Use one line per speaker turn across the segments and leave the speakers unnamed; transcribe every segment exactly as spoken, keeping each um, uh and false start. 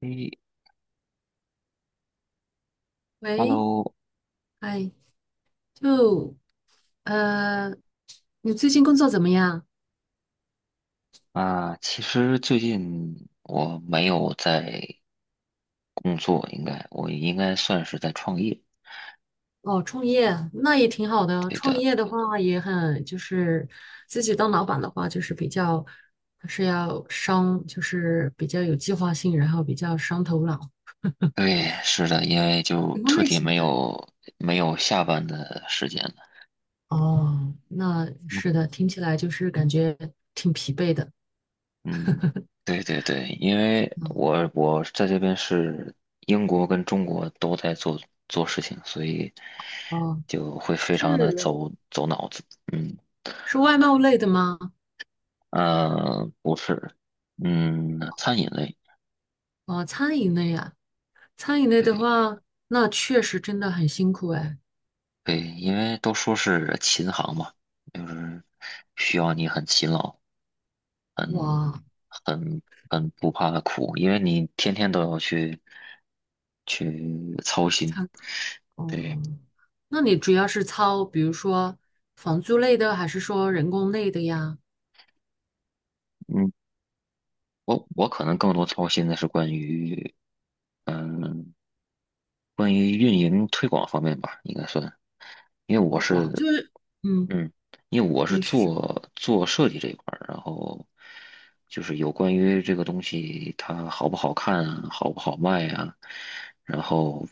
诶
喂，
，Hello，
哎，就呃，你最近工作怎么样？
啊，其实最近我没有在工作，应该我应该算是在创业。
哦，创业那也挺好的。
对
创
的。
业的话也很，就是自己当老板的话，就是比较还是要伤，就是比较有计划性，然后比较伤头脑。
对，是的，因为就
什么
彻
类
底没
型的？
有没有下班的时间了。
哦，那
嗯。
是的，听起来就是感觉挺疲惫的。
嗯，对对对，因为我我在这边是英国跟中国都在做做事情，所以
哦，
就会非常的
是
走走脑子。嗯。
是外贸类的吗？
呃，不是。嗯，餐饮类。
哦，餐饮类啊，餐饮类的
对。
话，那确实真的很辛苦哎。
对，因为都说是琴行嘛，就是需要你很勤劳，很
哇，
很很不怕苦，因为你天天都要去去操心。
参
对。
哦，那你主要是操，比如说房租类的，还是说人工类的呀？
嗯，我我可能更多操心的是关于嗯关于运营推广方面吧，应该算，因为我
推广就
是。
是，嗯，
嗯，因为我是
你是
做做设计这一块儿，然后就是有关于这个东西它好不好看啊，好不好卖啊，然后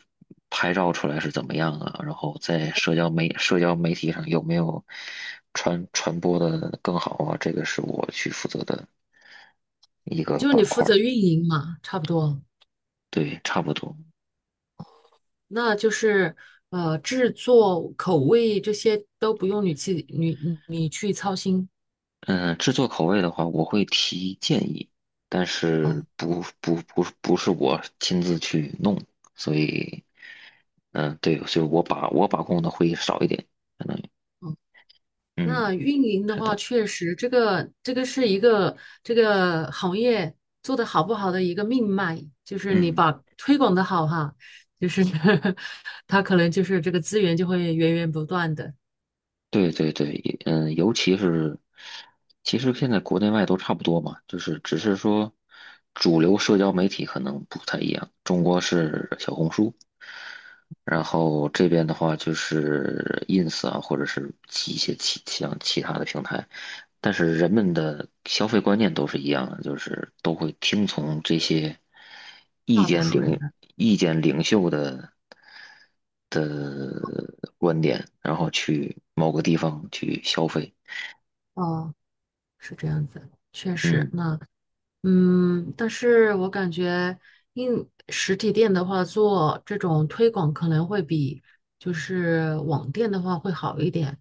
拍照出来是怎么样啊，然后在社交媒社交媒体上有没有传传播的更好啊，这个是我去负责的一个
就是你
板
负
块儿。
责运营嘛，差不多。
对，差不多。
那就是呃，制作口味这些都不用你去你你去操心。
嗯，制作口味的话，我会提建议，但
哦，
是
哦，
不不不不是我亲自去弄，所以，嗯，对，所以我把我把控的会少一点，可能。嗯，
那运营的
是
话，
的。
确实这个这个是一个这个行业做得好不好的一个命脉，就是你
嗯，
把推广的好哈，就是 他可能就是这个资源就会源源不断的，
对对对，也。嗯，尤其是，其实现在国内外都差不多嘛，就是只是说，主流社交媒体可能不太一样，中国是小红书。然后这边的话就是 ins 啊，或者是其一些其像其他的平台，但是人们的消费观念都是一样的，就是都会听从这些意
大多
见
数人
领
的。
意见领袖的的观点，然后去某个地方去消费。
哦，是这样子，确实
嗯。
那。嗯，但是我感觉应实体店的话，做这种推广可能会比就是网店的话会好一点。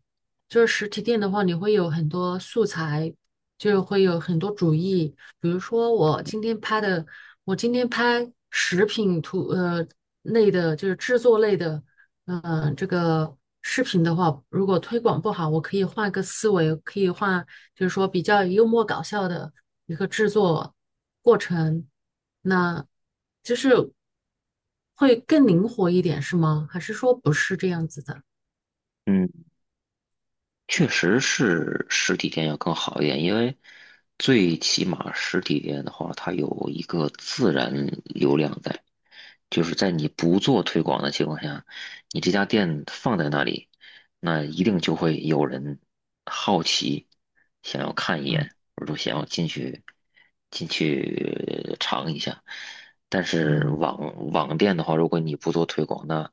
就是实体店的话，你会有很多素材，就会有很多主意。比如说我今天拍的，我今天拍食品图呃类的，就是制作类的，嗯、呃这个视频的话，如果推广不好，我可以换个思维，可以换，就是说比较幽默搞笑的。一个制作过程，那就是会更灵活一点，是吗？还是说不是这样子的？
嗯。确实是实体店要更好一点，因为最起码实体店的话，它有一个自然流量在，就是在你不做推广的情况下，你这家店放在那里，那一定就会有人好奇，想要看一
啊，
眼，或者说想要进去进去尝一下。但是
哦，
网网店的话，如果你不做推广，那。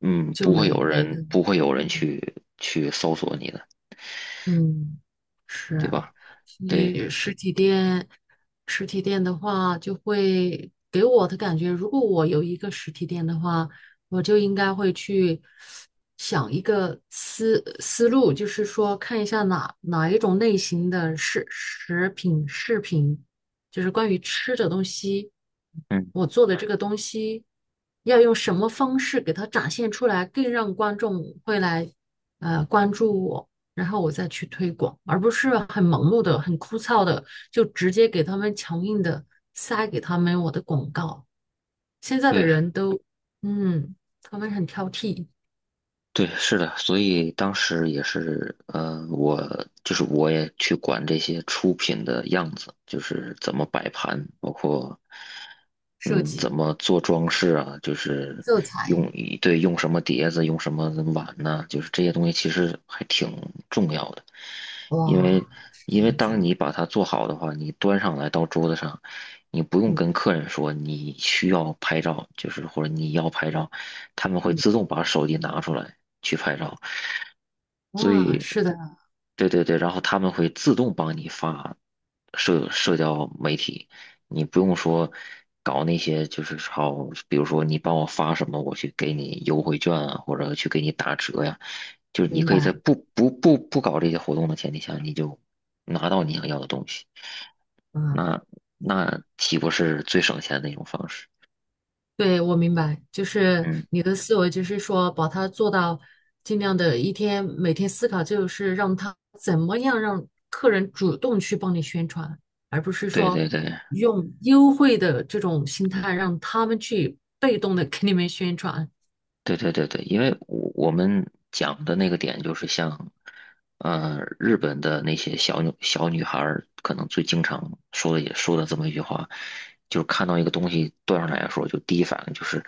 嗯，
就
不会有
没没的，
人不会有人
嗯，
去去搜索你的，
嗯，
对
是，
吧？
所
对。
以实体店，实体店的话，就会给我的感觉，如果我有一个实体店的话，我就应该会去想一个思思路，就是说看一下哪哪一种类型的食食品饰品，就是关于吃的东西，
嗯，
我做的这个东西要用什么方式给它展现出来，更让观众会来呃关注我。然后我再去推广，而不是很盲目的、很枯燥的，就直接给他们强硬的塞给他们我的广告。现在的
对
人都，嗯，他们很挑剔。
对，是的。所以当时也是，呃，我就是我也去管这些出品的样子，就是怎么摆盘，包括
设
嗯
计、
怎么做装饰啊，就是
色彩，
用一对用什么碟子，用什么碗呢？就是这些东西其实还挺重要的。因为
哇，是这
因为
样子
当
啊。
你把它做好的话，你端上来到桌子上，你不用
嗯，
跟客人说你需要拍照，就是或者你要拍照，他们会
嗯，
自动把手机拿出来去拍照。所
啊，
以。
是的，
对对对，然后他们会自动帮你发社社交媒体，你不用说搞那些，就是好，比如说你帮我发什么，我去给你优惠券啊，或者去给你打折呀，就是你
明
可以在
白，
不不不不搞这些活动的前提下，你就拿到你想要的东西，
啊。
那那岂不是最省钱的一种方式？
对，我明白，就是
嗯，
你的思维，就是说把它做到尽量的一天，每天思考，就是让他怎么样让客人主动去帮你宣传，而不是
对
说
对对。
用优惠的这种心态让他们去被动的给你们宣传。
对对对对，因为我我们讲的那个点就是像，呃，日本的那些小女小女孩儿，可能最经常说的也说的这么一句话，就是看到一个东西端上来的时候，就第一反应就是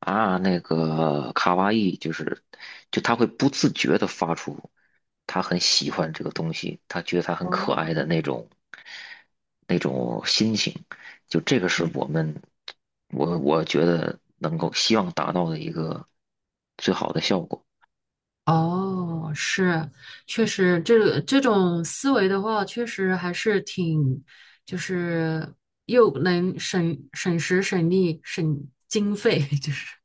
啊，那个卡哇伊，就是就她会不自觉的发出，她很喜欢这个东西，她觉得它很
哦，
可爱的那种那种心情。就这个是我们，我我觉得能够希望达到的一个最好的效果。
哦，是，确实，这这种思维的话，确实还是挺，就是又能省省时省力省经费，就是。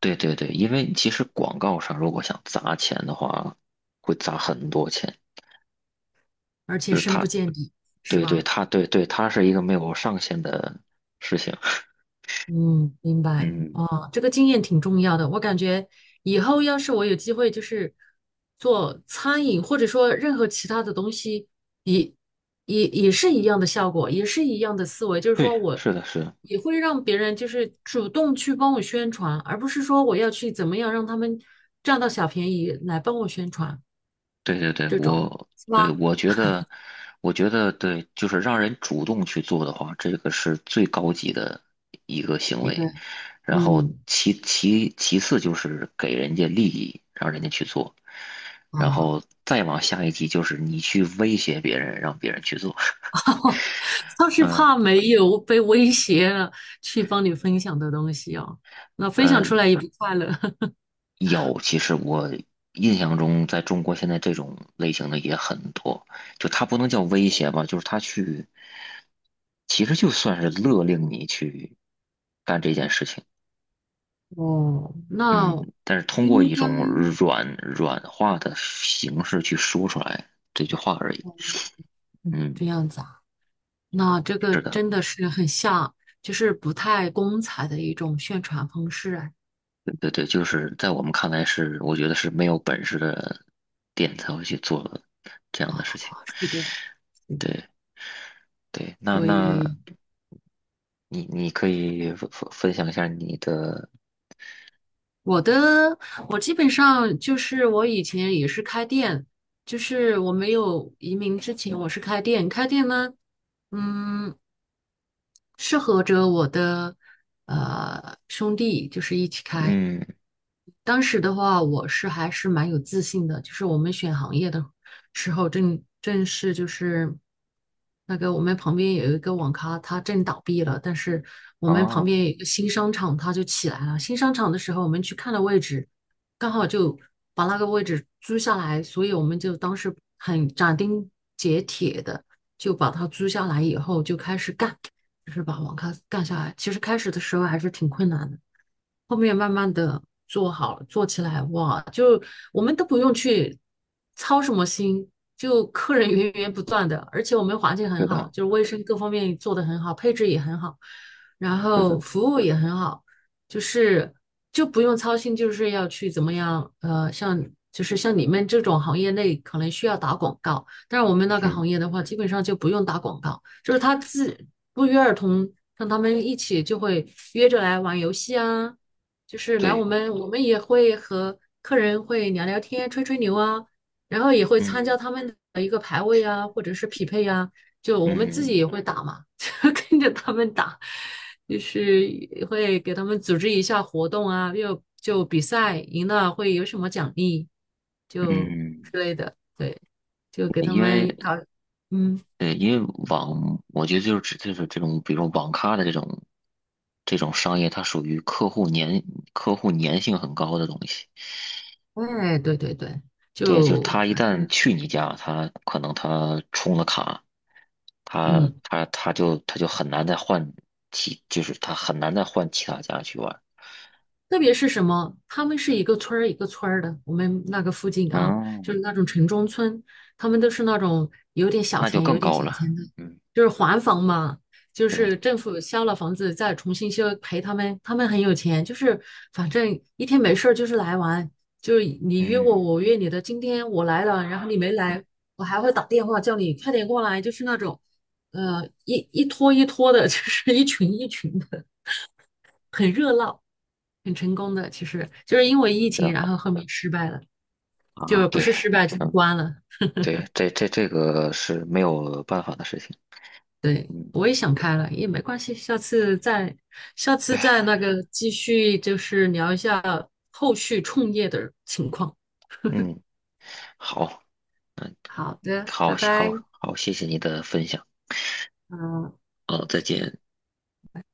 对对对，因为其实广告上如果想砸钱的话，会砸很多钱。
而且深不见底，是
对对，
吧？
它对对，它是一个没有上限的事情。
嗯，明白。
嗯，
哦，这个经验挺重要的。我感觉以后要是我有机会，就是做餐饮，或者说任何其他的东西，也也也是一样的效果，也是一样的思维。就是
对，
说我
是的，是的。
也会让别人就是主动去帮我宣传，而不是说我要去怎么样让他们占到小便宜来帮我宣传
对对对，
这种，
我
是
对
吧？
我觉得，我觉得对，就是让人主动去做的话，这个是最高级的一个行
一个，
为。然后
嗯，
其其其次就是给人家利益，让人家去做。然
啊。
后再往下一级就是你去威胁别人，让别人去做。
他是
嗯
怕没有被威胁了去帮你分享的东西哦，那分
嗯。
享
呃
出来也不快乐。
有，其实我印象中，在中国现在这种类型的也很多，就他不能叫威胁吧，就是他去，其实就算是勒令你去干这件事情。
哦，那
嗯，但是通过
应
一
该
种软软化的形式去说出来这句话而已。嗯，
这样子啊。那这个
是的。
真的是很像，就是不太光彩的一种宣传方式啊。
对对对，就是在我们看来是，我觉得是没有本事的店才会去做这样的事情。
是的，嗯，
对。对，那
所
那
以
你你可以分分分享一下你的。
我的，我基本上就是我以前也是开店，就是我没有移民之前我是开店，开店呢。嗯，适合着我的呃兄弟，就是一起开。
嗯，
当时的话，我是还是蛮有自信的，就是我们选行业的时候正，正是就是那个我们旁边有一个网咖，它正倒闭了，但是我们旁
哦，
边有一个新商场，它就起来了。新商场的时候，我们去看了位置，刚好就把那个位置租下来，所以我们就当时很斩钉截铁的就把它租下来以后就开始干。就是把网咖干下来。其实开始的时候还是挺困难的，后面慢慢的做好了，做起来哇，就我们都不用去操什么心，就客人源源不断的，而且我们环境
是
很好，
的，
就是卫生各方面做得很好，配置也很好，然
是
后
的。
服务也很好，就是就不用操心，就是要去怎么样，呃，像。就是像你们这种行业内可能需要打广告，但是我们那个
嗯，
行业的话，基本上就不用打广告，就是他自不约而同让他们一起就会约着来玩游戏啊，就是来我
对。
们，我们也会和客人会聊聊天、吹吹牛啊，然后也会参
嗯
加他们的一个排位啊，或者是匹配啊，就我们自
嗯
己也会打嘛，就跟着他们打，就是也会给他们组织一下活动啊，又就比赛赢了会有什么奖励，就
嗯，
之类的，对，就给他
因为
们搞，嗯。
呃，因为网，我觉得就是指就是这种，比如网咖的这种这种商业，它属于客户粘客户粘性很高的东西。
哎，对对对，
对，就是
就
他一
反
旦
正
去你家，他可能他充了卡，他
嗯，
他他就他就很难再换其，就是他很难再换其他家去玩。
特别是什么，他们是一个村儿一个村儿的，我们那个附近啊，
嗯，
就是那种城中村，他们都是那种有点小
那就
钱、
更
有点
高
小
了。
钱的，
嗯，
就是还房嘛，就
对。
是政府销了房子再重新修，赔他们，他们很有钱，就是反正一天没事儿就是来玩，就是你约我，
嗯，
我约你的，今天我来了，然后你没来，我还会打电话叫你快点过来，就是那种，呃，一一拖一拖的，就是一群一群的，很热闹。很成功的，其实就是因为疫
真
情，然
好
后后面失败了，
啊。
就不
对。
是失败就是
嗯，
关了。
对，这这这个是没有办法的事情。
对，
嗯，
我也想
对
开了，也没关系，下次再，下次
对。
再那个继续，就是聊一下后续创业的情况。
嗯，好，
好的，
好，
拜
好，
拜。
好，谢谢你的分享。
嗯。
嗯，再见。